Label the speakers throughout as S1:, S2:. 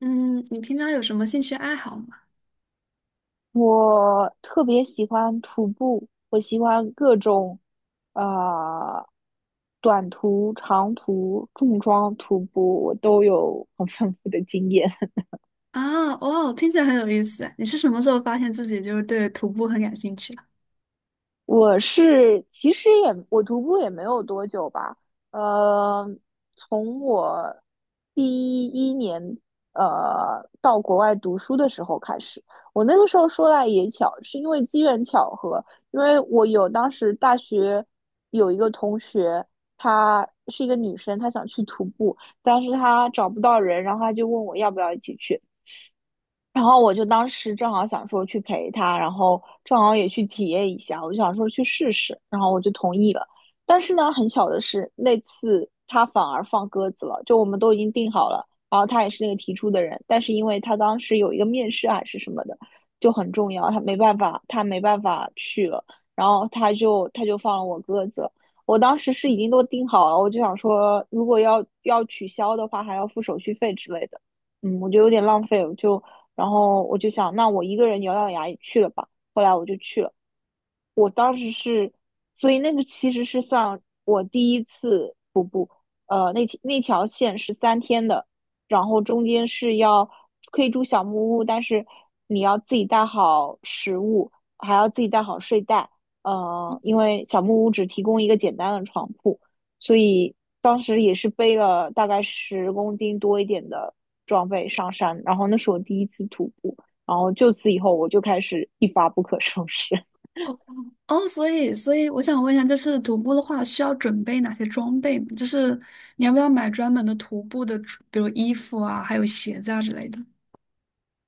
S1: 嗯，你平常有什么兴趣爱好吗？
S2: 我特别喜欢徒步，我喜欢各种，啊、短途、长途、重装徒步，我都有很丰富的经验。
S1: 啊，哦，听起来很有意思。你是什么时候发现自己就是对徒步很感兴趣的？
S2: 我是其实也我徒步也没有多久吧，呃，从我第一年到国外读书的时候开始，我那个时候说来也巧，是因为机缘巧合，因为我有当时大学有一个同学，她是一个女生，她想去徒步，但是她找不到人，然后她就问我要不要一起去。然后我就当时正好想说去陪他，然后正好也去体验一下，我就想说去试试，然后我就同意了。但是呢，很巧的是，那次他反而放鸽子了，就我们都已经定好了，然后他也是那个提出的人，但是因为他当时有一个面试还是什么的，就很重要，他没办法去了，然后他就放了我鸽子。我当时是已经都定好了，我就想说，如果要取消的话，还要付手续费之类的。我觉得有点浪费，然后我就想，那我一个人咬咬牙也去了吧。后来我就去了，我当时是，所以那个其实是算我第一次那条线是三天的，然后中间是要可以住小木屋，但是你要自己带好食物，还要自己带好睡袋。因为小木屋只提供一个简单的床铺，所以当时也是背了大概10公斤多一点的装备上山。然后那是我第一次徒步，然后就此以后我就开始一发不可收拾。
S1: 哦哦，所以我想问一下，就是徒步的话，需要准备哪些装备呢，就是你要不要买专门的徒步的比如衣服啊，还有鞋子啊之类的？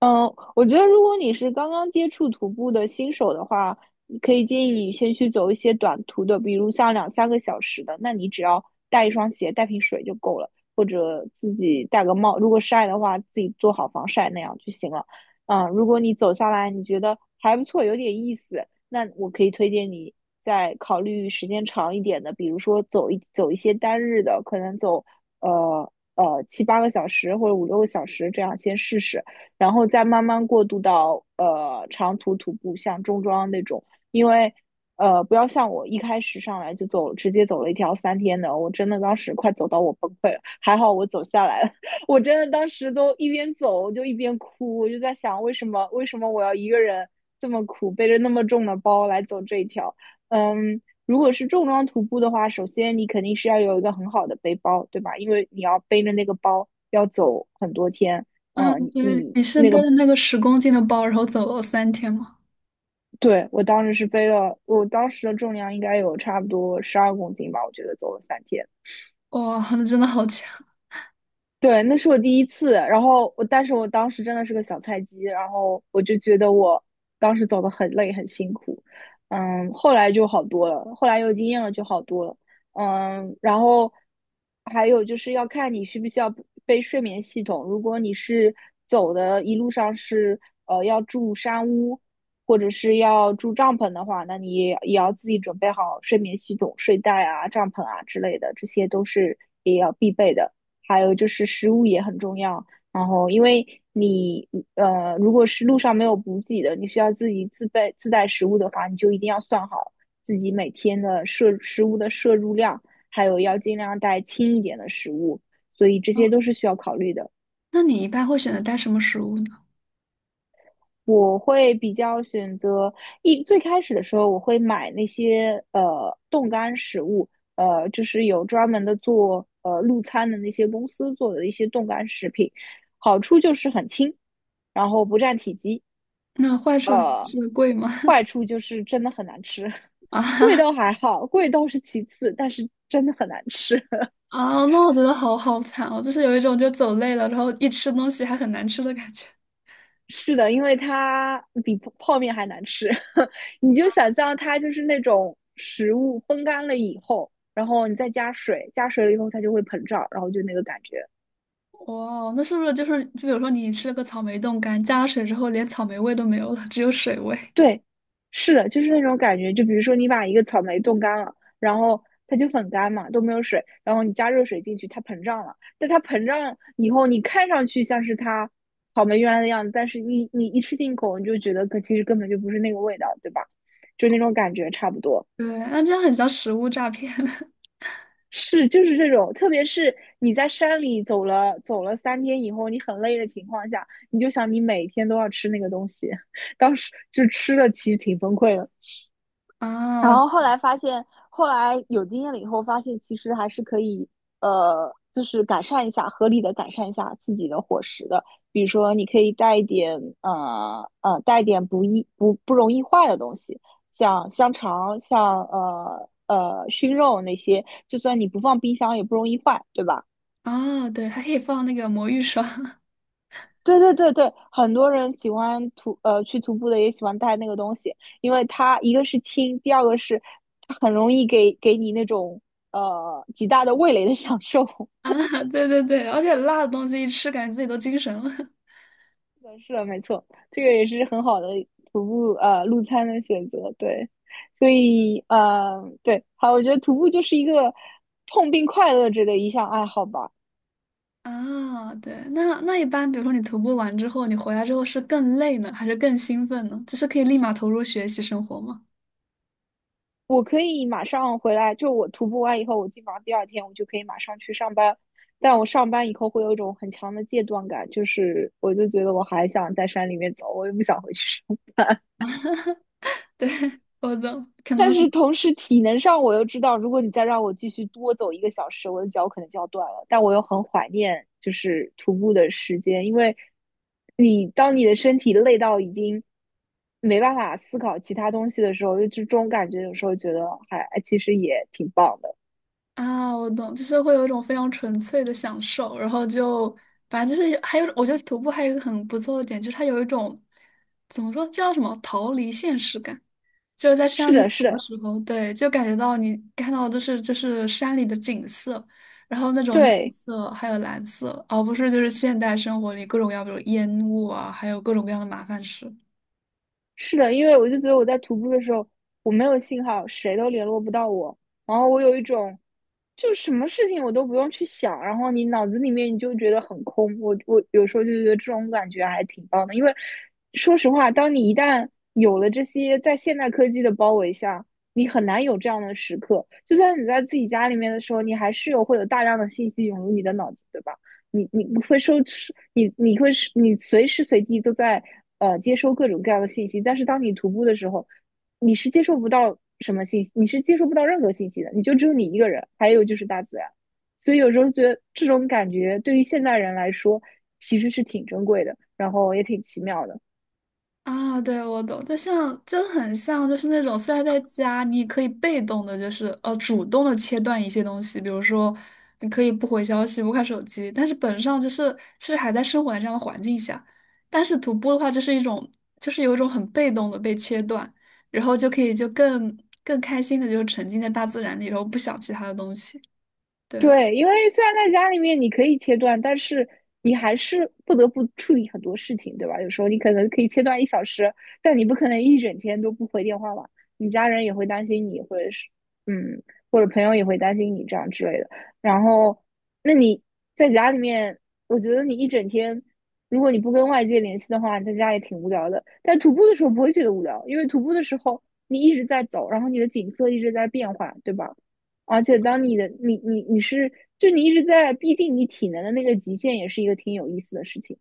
S2: 嗯，我觉得如果你是刚刚接触徒步的新手的话，你可以建议你先去走一些短途的，比如像两三个小时的，那你只要带一双鞋、带瓶水就够了，或者自己戴个帽，如果晒的话，自己做好防晒那样就行了。如果你走下来你觉得还不错，有点意思，那我可以推荐你再考虑时间长一点的，比如说走一些单日的，可能走七八个小时或者五六个小时这样先试试。然后再慢慢过渡到长途徒步，像中装那种，因为不要像我一开始上来就走，直接走了一条三天的，我真的当时快走到我崩溃了，还好我走下来了，我真的当时都一边走我就一边哭，我就在想为什么我要一个人这么苦，背着那么重的包来走这一条，嗯。如果是重装徒步的话，首先你肯定是要有一个很好的背包，对吧？因为你要背着那个包要走很多天，
S1: 嗯，
S2: 嗯，你
S1: 对，
S2: 你
S1: 你是
S2: 那
S1: 背
S2: 个，
S1: 着那个10公斤的包，然后走了3天吗？
S2: 对，我当时是背了，我当时的重量应该有差不多12公斤吧，我觉得走了三天。
S1: 哇，那真的好强！
S2: 对，那是我第一次，然后我，但是我当时真的是个小菜鸡，然后我就觉得我当时走的很累，很辛苦，后来就好多了，后来有经验了就好多了，然后还有就是要看你需不需要背睡眠系统，如果你是走的一路上是要住山屋或者是要住帐篷的话，那你也要自己准备好睡眠系统、睡袋啊、帐篷啊之类的，这些都是也要必备的。还有就是食物也很重要。然后，因为你如果是路上没有补给的，你需要自己自备自带食物的话，你就一定要算好自己每天的摄食物的摄入量，还有要尽量带轻一点的食物。所以这
S1: 哦，
S2: 些都是需要考虑的。
S1: 那你一般会选择带什么食物呢？
S2: 我会比较选择一最开始的时候，我会买那些冻干食物，就是有专门的做路餐的那些公司做的一些冻干食品，好处就是很轻，然后不占体积。
S1: 那坏处呢？是贵吗？
S2: 坏处就是真的很难吃，
S1: 啊
S2: 贵
S1: 哈，
S2: 倒还好，贵倒是其次，但是真的很难吃。
S1: 啊，那我觉得好好惨哦，就是有一种就走累了，然后一吃东西还很难吃的感觉。
S2: 是的，因为它比泡面还难吃。你就想象它就是那种食物风干了以后，然后你再加水，加水了以后它就会膨胀，然后就那个感觉。
S1: 哇哦，那是不是就是就比如说你吃了个草莓冻干，加了水之后连草莓味都没有了，只有水味？
S2: 对，是的，就是那种感觉。就比如说，你把一个草莓冻干了，然后它就很干嘛，都没有水，然后你加热水进去，它膨胀了。但它膨胀以后，你看上去像是它草莓原来的样子，但是你一吃进口，你就觉得可其实根本就不是那个味道，对吧？就那种感觉差不多。
S1: 对，那这样很像食物诈骗。
S2: 是，就是这种，特别是你在山里走了三天以后，你很累的情况下，你就想你每天都要吃那个东西，当时就吃了，其实挺崩溃的。然
S1: 啊
S2: 后后来发现，后来有经验了以后，发现其实还是可以，就是改善一下，合理的改善一下自己的伙食的。比如说，你可以带一点，带一点不容易坏的东西，像香肠，像熏肉那些，就算你不放冰箱也不容易坏，对吧？
S1: 啊！对，还可以放那个魔芋爽。
S2: 对对对对，很多人喜欢去徒步的也喜欢带那个东西，因为它一个是轻，第二个是它很容易给你那种极大的味蕾的享受。
S1: 啊，对对对，而且辣的东西一吃，感觉自己都精神了。
S2: 是的，是的没错，这个也是很好的徒步路餐的选择。对，所以对，好，我觉得徒步就是一个痛并快乐着的一项爱好吧。
S1: 啊。对，那那一般，比如说你徒步完之后，你回来之后是更累呢，还是更兴奋呢？就是可以立马投入学习生活吗？
S2: 我可以马上回来，就我徒步完以后，我基本上第二天我就可以马上去上班。但我上班以后会有一种很强的戒断感，就是我就觉得我还想在山里面走，我又不想回去上班。
S1: 我的可
S2: 但
S1: 能，
S2: 是同时体能上我又知道，如果你再让我继续多走一个小时，我的脚可能就要断了。但我又很怀念就是徒步的时间，因为你当你的身体累到已经没办法思考其他东西的时候，就这种感觉有时候觉得还哎其实也挺棒的。
S1: 啊，我懂，就是会有一种非常纯粹的享受，然后就反正就是还有，我觉得徒步还有一个很不错的点，就是它有一种怎么说，叫什么逃离现实感，就是在山
S2: 是
S1: 里
S2: 的，
S1: 走
S2: 是
S1: 的
S2: 的，
S1: 时候，对，就感觉到你看到的就是山里的景色，然后那种绿
S2: 对，
S1: 色还有蓝色，而不是就是现代生活里各种要不有烟雾啊，还有各种各样的麻烦事。
S2: 是的，因为我就觉得我在徒步的时候，我没有信号，谁都联络不到我，然后我有一种，就什么事情我都不用去想，然后你脑子里面你就觉得很空。我有时候就觉得这种感觉还挺棒的，因为说实话，当你一旦有了这些在现代科技的包围下，你很难有这样的时刻。就算你在自己家里面的时候，你还是有会有大量的信息涌入你的脑子，对吧？你会收，你会你随时随地都在接收各种各样的信息，但是当你徒步的时候，你是接收不到什么信息，你是接收不到任何信息的，你就只有你一个人，还有就是大自然。所以有时候觉得这种感觉对于现代人来说其实是挺珍贵的，然后也挺奇妙的。
S1: 啊，对，我懂，就很像，就是那种虽然在家，你也可以被动的，就是主动的切断一些东西，比如说你可以不回消息、不看手机，但是本质上就是其实还在生活在这样的环境下。但是徒步的话，就是一种就是有一种很被动的被切断，然后就可以就更开心的就是沉浸在大自然里，然后不想其他的东西。对，
S2: 对，因为虽然在家里面你可以切断，但是你还是不得不处理很多事情，对吧？有时候你可能可以切断1小时，但你不可能一整天都不回电话吧？你家人也会担心你，或者是嗯，或者朋友也会担心你这样之类的。然后，那你在家里面，我觉得你一整天，如果你不跟外界联系的话，你在家也挺无聊的。但徒步的时候不会觉得无聊，因为徒步的时候你一直在走，然后你的景色一直在变化，对吧？而且当你的你是，就你一直在逼近你体能的那个极限，也是一个挺有意思的事情。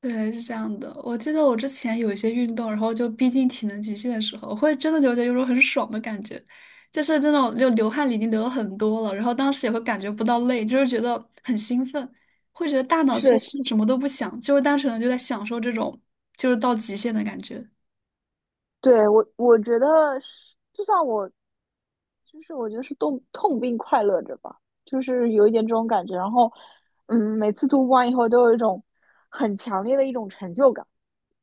S1: 对，是这样的。我记得我之前有一些运动，然后就逼近体能极限的时候，我会真的就觉得有种很爽的感觉，就是这种就流汗已经流了很多了，然后当时也会感觉不到累，就是觉得很兴奋，会觉得大脑
S2: 是
S1: 其实
S2: 的是，
S1: 什么都不想，就是单纯的就在享受这种就是到极限的感觉。
S2: 对，我觉得是，就像我，就是我觉得是痛并快乐着吧，就是有一点这种感觉。然后，每次突破完以后，都有一种很强烈的一种成就感，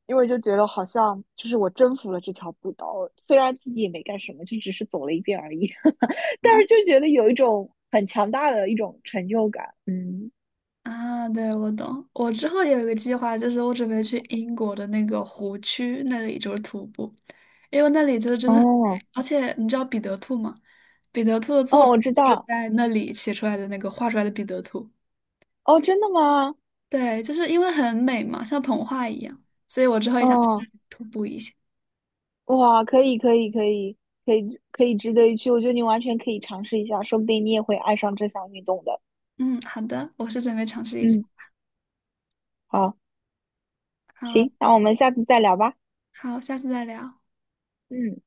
S2: 因为就觉得好像就是我征服了这条步道，虽然自己也没干什么，就只是走了一遍而已，但是就觉得有一种很强大的一种成就感。嗯。
S1: 啊，对，我懂。我之后也有一个计划，就是我准备去英国的那个湖区那里，就是徒步，因为那里就是真的很
S2: 哦，
S1: 美。而且你知道彼得兔吗？彼得兔的作
S2: 哦，
S1: 者
S2: 我知
S1: 就是
S2: 道。
S1: 在那里写出来的那个画出来的彼得兔。
S2: 哦，真的吗？
S1: 对，就是因为很美嘛，像童话一样，所以我之后也想去那
S2: 哦，
S1: 里徒步一下。
S2: 哇，可以，可以，可以，可以，可以值得一去。我觉得你完全可以尝试一下，说不定你也会爱上这项运动的。
S1: 嗯，好的，我是准备尝试一下。
S2: 嗯，好，
S1: 好，
S2: 行，那我们下次再聊吧。
S1: 好，下次再聊。
S2: 嗯。